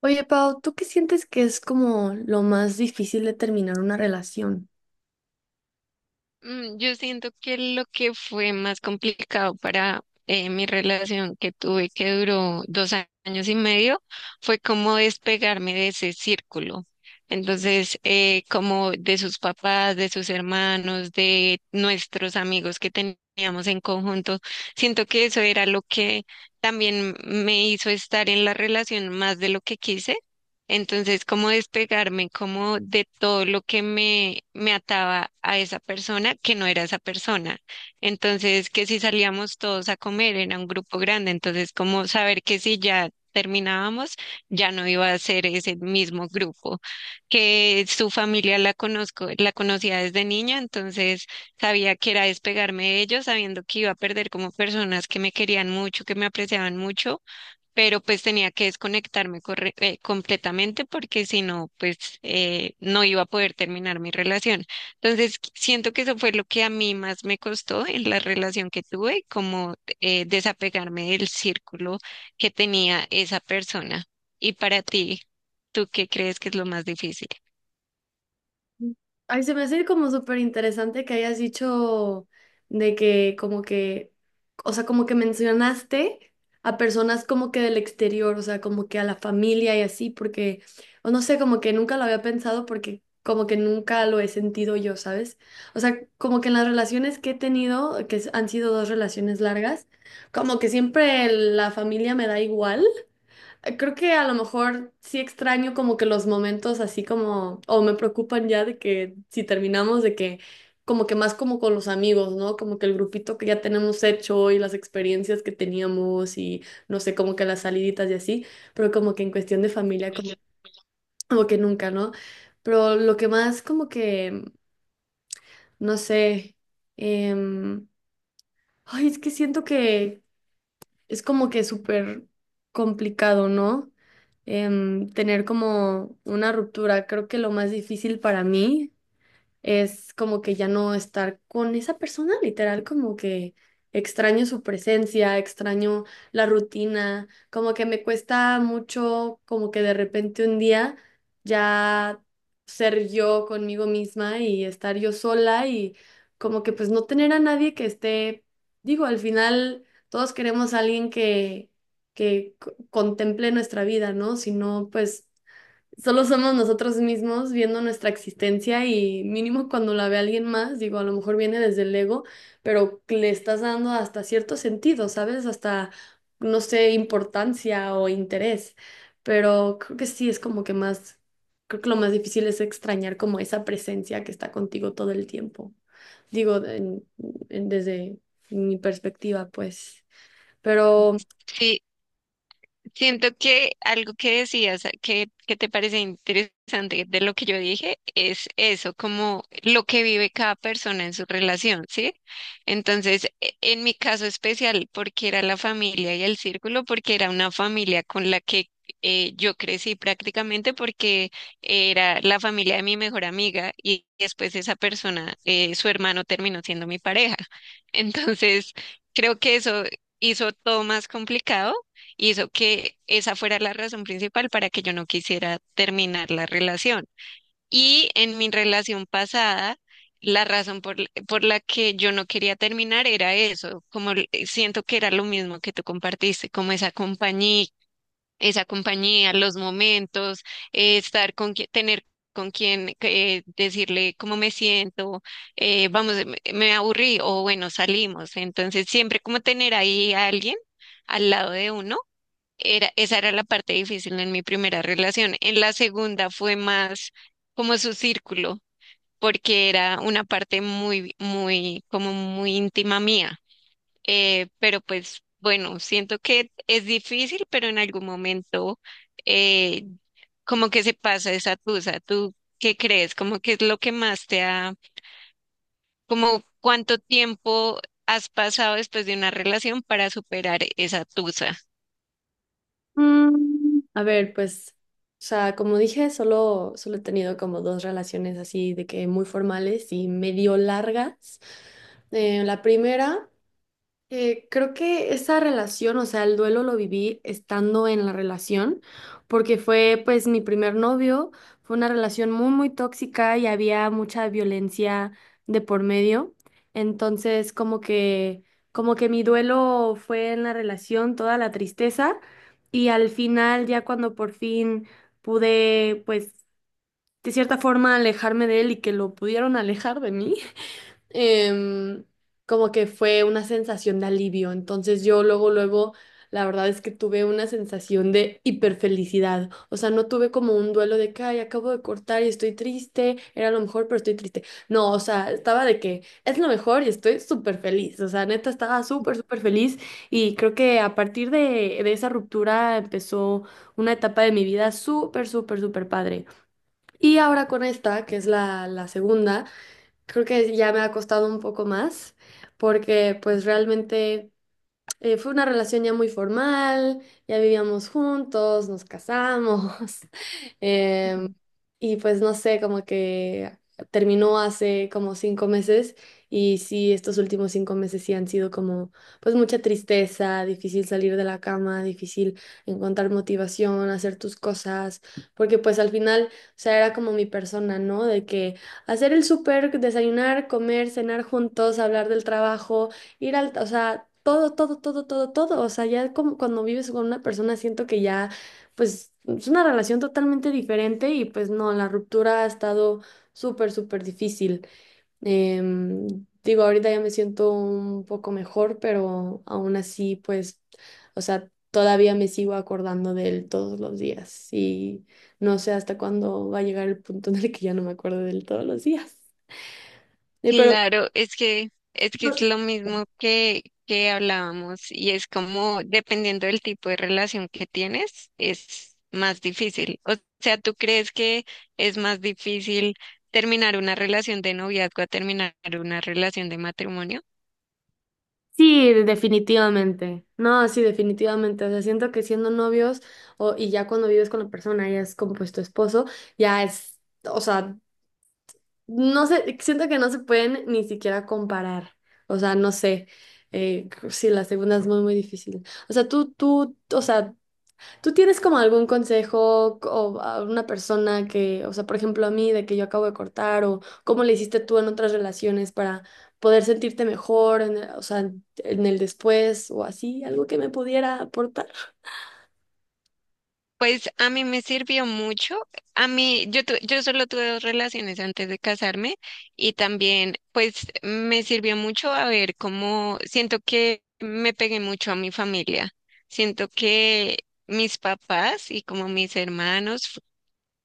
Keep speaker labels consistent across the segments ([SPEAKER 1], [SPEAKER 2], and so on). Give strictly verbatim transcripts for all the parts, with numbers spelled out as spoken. [SPEAKER 1] Oye, Pau, ¿tú qué sientes que es como lo más difícil de terminar una relación?
[SPEAKER 2] Mm, yo siento que lo que fue más complicado para eh, mi relación que tuve, que duró dos a- años y medio, fue como despegarme de ese círculo. Entonces, eh, como de sus papás, de sus hermanos, de nuestros amigos que teníamos en conjunto, siento que eso era lo que también me hizo estar en la relación más de lo que quise, entonces cómo despegarme, como de todo lo que me, me ataba a esa persona que no era esa persona. Entonces, que si salíamos todos a comer, era un grupo grande, entonces como saber que si ya terminábamos, ya no iba a ser ese mismo grupo, que su familia la conozco, la conocía desde niña, entonces sabía que era despegarme de ellos, sabiendo que iba a perder como personas que me querían mucho, que me apreciaban mucho, pero pues tenía que desconectarme corre- eh, completamente, porque si no, pues eh, no iba a poder terminar mi relación. Entonces, qu- siento que eso fue lo que a mí más me costó en la relación que tuve, como eh, desapegarme del círculo que tenía esa persona. Y para ti, ¿tú qué crees que es lo más difícil?
[SPEAKER 1] Ay, se me hace como súper interesante que hayas dicho de que como que, o sea, como que mencionaste a personas como que del exterior, o sea, como que a la familia y así, porque, o no sé, como que nunca lo había pensado porque como que nunca lo he sentido yo, ¿sabes? O sea, como que en las relaciones que he tenido, que s- han sido dos relaciones largas, como que siempre la familia me da igual. Eh, Creo que a lo mejor sí extraño como que los momentos así como, o me preocupan ya de que si terminamos de que como que más como con los amigos, ¿no? Como que el grupito que ya tenemos hecho y las experiencias que teníamos y no sé, como que las saliditas y así, pero como que en cuestión de familia como, como que nunca, ¿no? Pero lo que más como que, no sé, em, ay, es que siento que es como que súper complicado, ¿no? Em, tener como una ruptura. Creo que lo más difícil para mí es como que ya no estar con esa persona, literal, como que extraño su presencia, extraño la rutina, como que me cuesta mucho, como que de repente un día ya ser yo conmigo misma y estar yo sola y como que pues no tener a nadie que esté, digo, al final todos queremos a alguien que, que co- contemple nuestra vida, ¿no? Si no, pues... Solo somos nosotros mismos viendo nuestra existencia y mínimo cuando la ve alguien más, digo, a lo mejor viene desde el ego, pero que le estás dando hasta cierto sentido, ¿sabes? Hasta, no sé, importancia o interés. Pero creo que sí es como que más, creo que lo más difícil es extrañar como esa presencia que está contigo todo el tiempo. Digo, en- en- desde mi perspectiva, pues. Pero...
[SPEAKER 2] Siento que algo que decías que, que te parece interesante de lo que yo dije es eso, como lo que vive cada persona en su relación, ¿sí? Entonces, e- en mi caso especial, porque era la familia y el círculo, porque era una familia con la que eh, yo crecí prácticamente, porque era la familia de mi mejor amiga y después esa persona, eh, su hermano terminó siendo mi pareja. Entonces, creo que eso hizo todo más complicado, hizo que esa fuera la razón principal para que yo no quisiera terminar la relación. Y en mi relación pasada, la razón por, por la que yo no quería terminar era eso, como l- siento que era lo mismo que tú compartiste, como esa compañía, esa compañía, los momentos, eh, estar con qui- tener con quien eh, decirle cómo me siento, eh, vamos, me me aburrí o bueno, salimos. Entonces, siempre como tener ahí a alguien al lado de uno era, esa era la parte difícil en mi primera relación. En la segunda fue más como su círculo, porque era una parte muy, muy, como muy íntima mía. Eh, pero pues bueno, siento que es difícil, pero en algún momento eh, como que se pasa esa tusa. ¿Tú qué crees? ¿Cómo que es lo que más te ha, como cuánto tiempo has pasado después de una relación para superar esa tusa?
[SPEAKER 1] Mm, a ver, pues, o sea, como dije, solo, solo he tenido como dos relaciones así de que muy formales y medio largas. Eh, la primera eh, creo que esa relación, o sea, el duelo lo viví estando en la relación, porque fue pues mi primer novio, fue una relación muy, muy tóxica y había mucha violencia de por medio. Entonces, como que, como que mi duelo fue en la relación, toda la tristeza, y al final, ya cuando por fin pude, pues, de cierta forma alejarme de él y que lo pudieron alejar de mí em, como que fue una sensación de alivio. Entonces yo luego, luego, la verdad es que tuve una sensación de hiperfelicidad. O sea, no tuve como un duelo de que, ay, acabo de cortar y estoy triste, era lo mejor, pero estoy triste. No, o sea, estaba de que es lo mejor y estoy súper feliz. O sea, neta, estaba súper, súper feliz y creo que a partir de, de esa ruptura empezó una etapa de mi vida súper, súper, súper padre. Y ahora con esta, que es la, la segunda creo que ya me ha costado un poco más porque pues realmente... Eh, fue una relación ya muy formal, ya vivíamos juntos, nos casamos, em, y pues no sé, como que terminó hace como cinco meses y sí, estos últimos cinco meses sí han sido como pues mucha tristeza, difícil salir de la cama, difícil encontrar motivación, hacer tus cosas, porque pues al final, o sea, era como mi persona, ¿no? De que hacer el súper, desayunar, comer, cenar juntos, hablar del trabajo ir al, o sea, todo, todo, todo, todo, todo. O sea, ya como cuando vives con una persona siento que ya, pues, es una relación totalmente diferente y pues no, la ruptura ha estado súper, súper difícil. Em, Digo, ahorita ya me siento un poco mejor, pero aún así, pues, o sea, todavía me sigo acordando de él todos los días y no sé hasta cuándo va a llegar el punto en el que ya no me acuerdo de él todos los días. Eh, pero
[SPEAKER 2] Claro, es que es que
[SPEAKER 1] no,
[SPEAKER 2] es lo mismo que que hablábamos y es como dependiendo del tipo de relación que tienes es más difícil. O sea, ¿tú crees que es más difícil terminar una relación de noviazgo a terminar una relación de matrimonio?
[SPEAKER 1] sí, definitivamente. No, sí, definitivamente. O sea, siento que siendo novios o, y ya cuando vives con la persona, ya es como pues tu esposo, ya es, o sea, no sé, siento que no se pueden ni siquiera comparar. O sea, no sé, eh, sí, la segunda es muy, muy difícil. O sea, tú, tú, o sea, ¿tú tienes como algún consejo o a una persona que, o sea, por ejemplo, a mí, de que yo acabo de cortar o cómo le hiciste tú en otras relaciones para poder sentirte mejor, en el- o sea, en en el después o así, algo que me pudiera aportar?
[SPEAKER 2] Pues a mí me sirvió mucho. A mí, yo, tu- yo solo tuve dos relaciones antes de casarme y también, pues me sirvió mucho, a ver, cómo siento que me pegué mucho a mi familia. Siento que mis papás y como mis hermanos fu-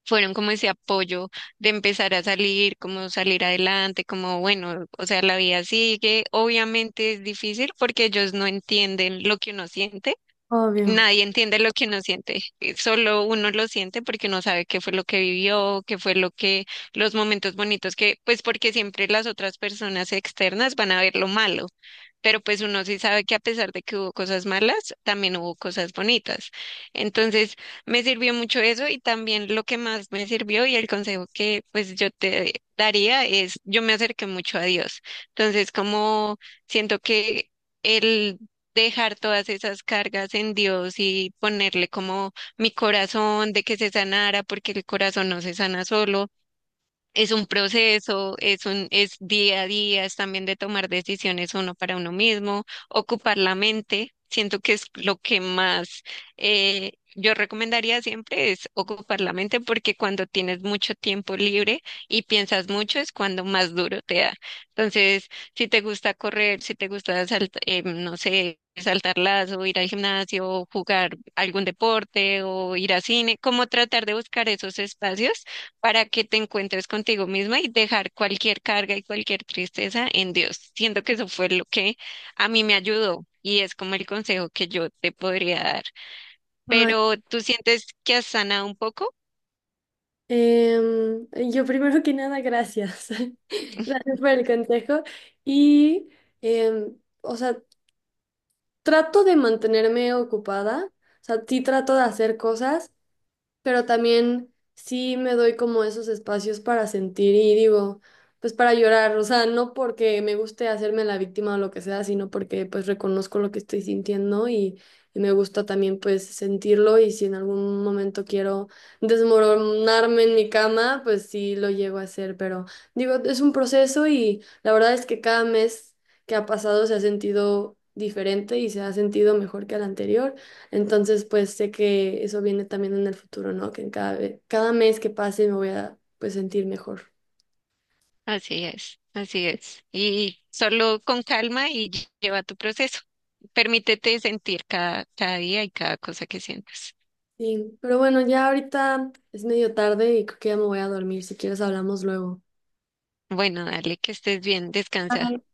[SPEAKER 2] fueron como ese apoyo de empezar a salir, como salir adelante, como bueno, o sea, la vida sigue. Obviamente es difícil porque ellos no entienden lo que uno siente.
[SPEAKER 1] Obvio.
[SPEAKER 2] Nadie entiende lo que uno siente, eh, solo uno lo siente porque no sabe qué fue lo que vivió, qué fue lo que, los momentos bonitos que, pues porque siempre las otras personas externas van a ver lo malo, pero pues uno sí sabe que a pesar de que hubo cosas malas, también hubo cosas bonitas. Entonces, me sirvió mucho eso y también lo que más me sirvió y el consejo que pues yo te daría es, yo me acerqué mucho a Dios. Entonces, como siento que... el dejar todas esas cargas en Dios y ponerle como mi corazón de que se sanara, porque el corazón no se sana solo, es un proceso, es un, es día a día, es también de tomar decisiones uno para uno mismo, ocupar la mente. Siento que es lo que más eh, yo recomendaría siempre es ocupar la mente, porque cuando tienes mucho tiempo libre y piensas mucho es cuando más duro te da. Entonces, si te gusta correr, si te gusta salt- eh, no sé, saltar lazo, ir al gimnasio, jugar algún deporte o ir a cine, como tratar de buscar esos espacios para que te encuentres contigo misma y dejar cualquier carga y cualquier tristeza en Dios. Siento que eso fue lo que a mí me ayudó y es como el consejo que yo te podría dar.
[SPEAKER 1] Ay,
[SPEAKER 2] Pero ¿tú sientes que has sanado un poco?
[SPEAKER 1] em, yo primero que nada, gracias. Gracias por el consejo. Y, em, o sea, trato de mantenerme ocupada, o sea, sí trato de hacer cosas. Pero también sí me doy como esos espacios para sentir y digo, pues para llorar, o sea, no porque me guste hacerme la víctima o lo que sea, sino porque pues reconozco lo que estoy sintiendo y, y me gusta también pues sentirlo y si en algún momento quiero desmoronarme en mi cama, pues sí lo llego a hacer, pero digo, es un proceso y la verdad es que cada mes que ha pasado se ha sentido diferente y se ha sentido mejor que al anterior. Entonces, pues sé que eso viene también en el futuro, ¿no? Que en cada, ve- cada mes que pase me voy a pues sentir mejor.
[SPEAKER 2] Así es, así es. Y solo con calma y lle- lleva tu proceso. Permítete sentir cada, cada día y cada cosa que sientas.
[SPEAKER 1] Sí, pero bueno, ya ahorita es medio tarde y creo que ya me voy a dormir. Si quieres, hablamos luego.
[SPEAKER 2] Bueno, dale, que estés bien, descansa.
[SPEAKER 1] Bye.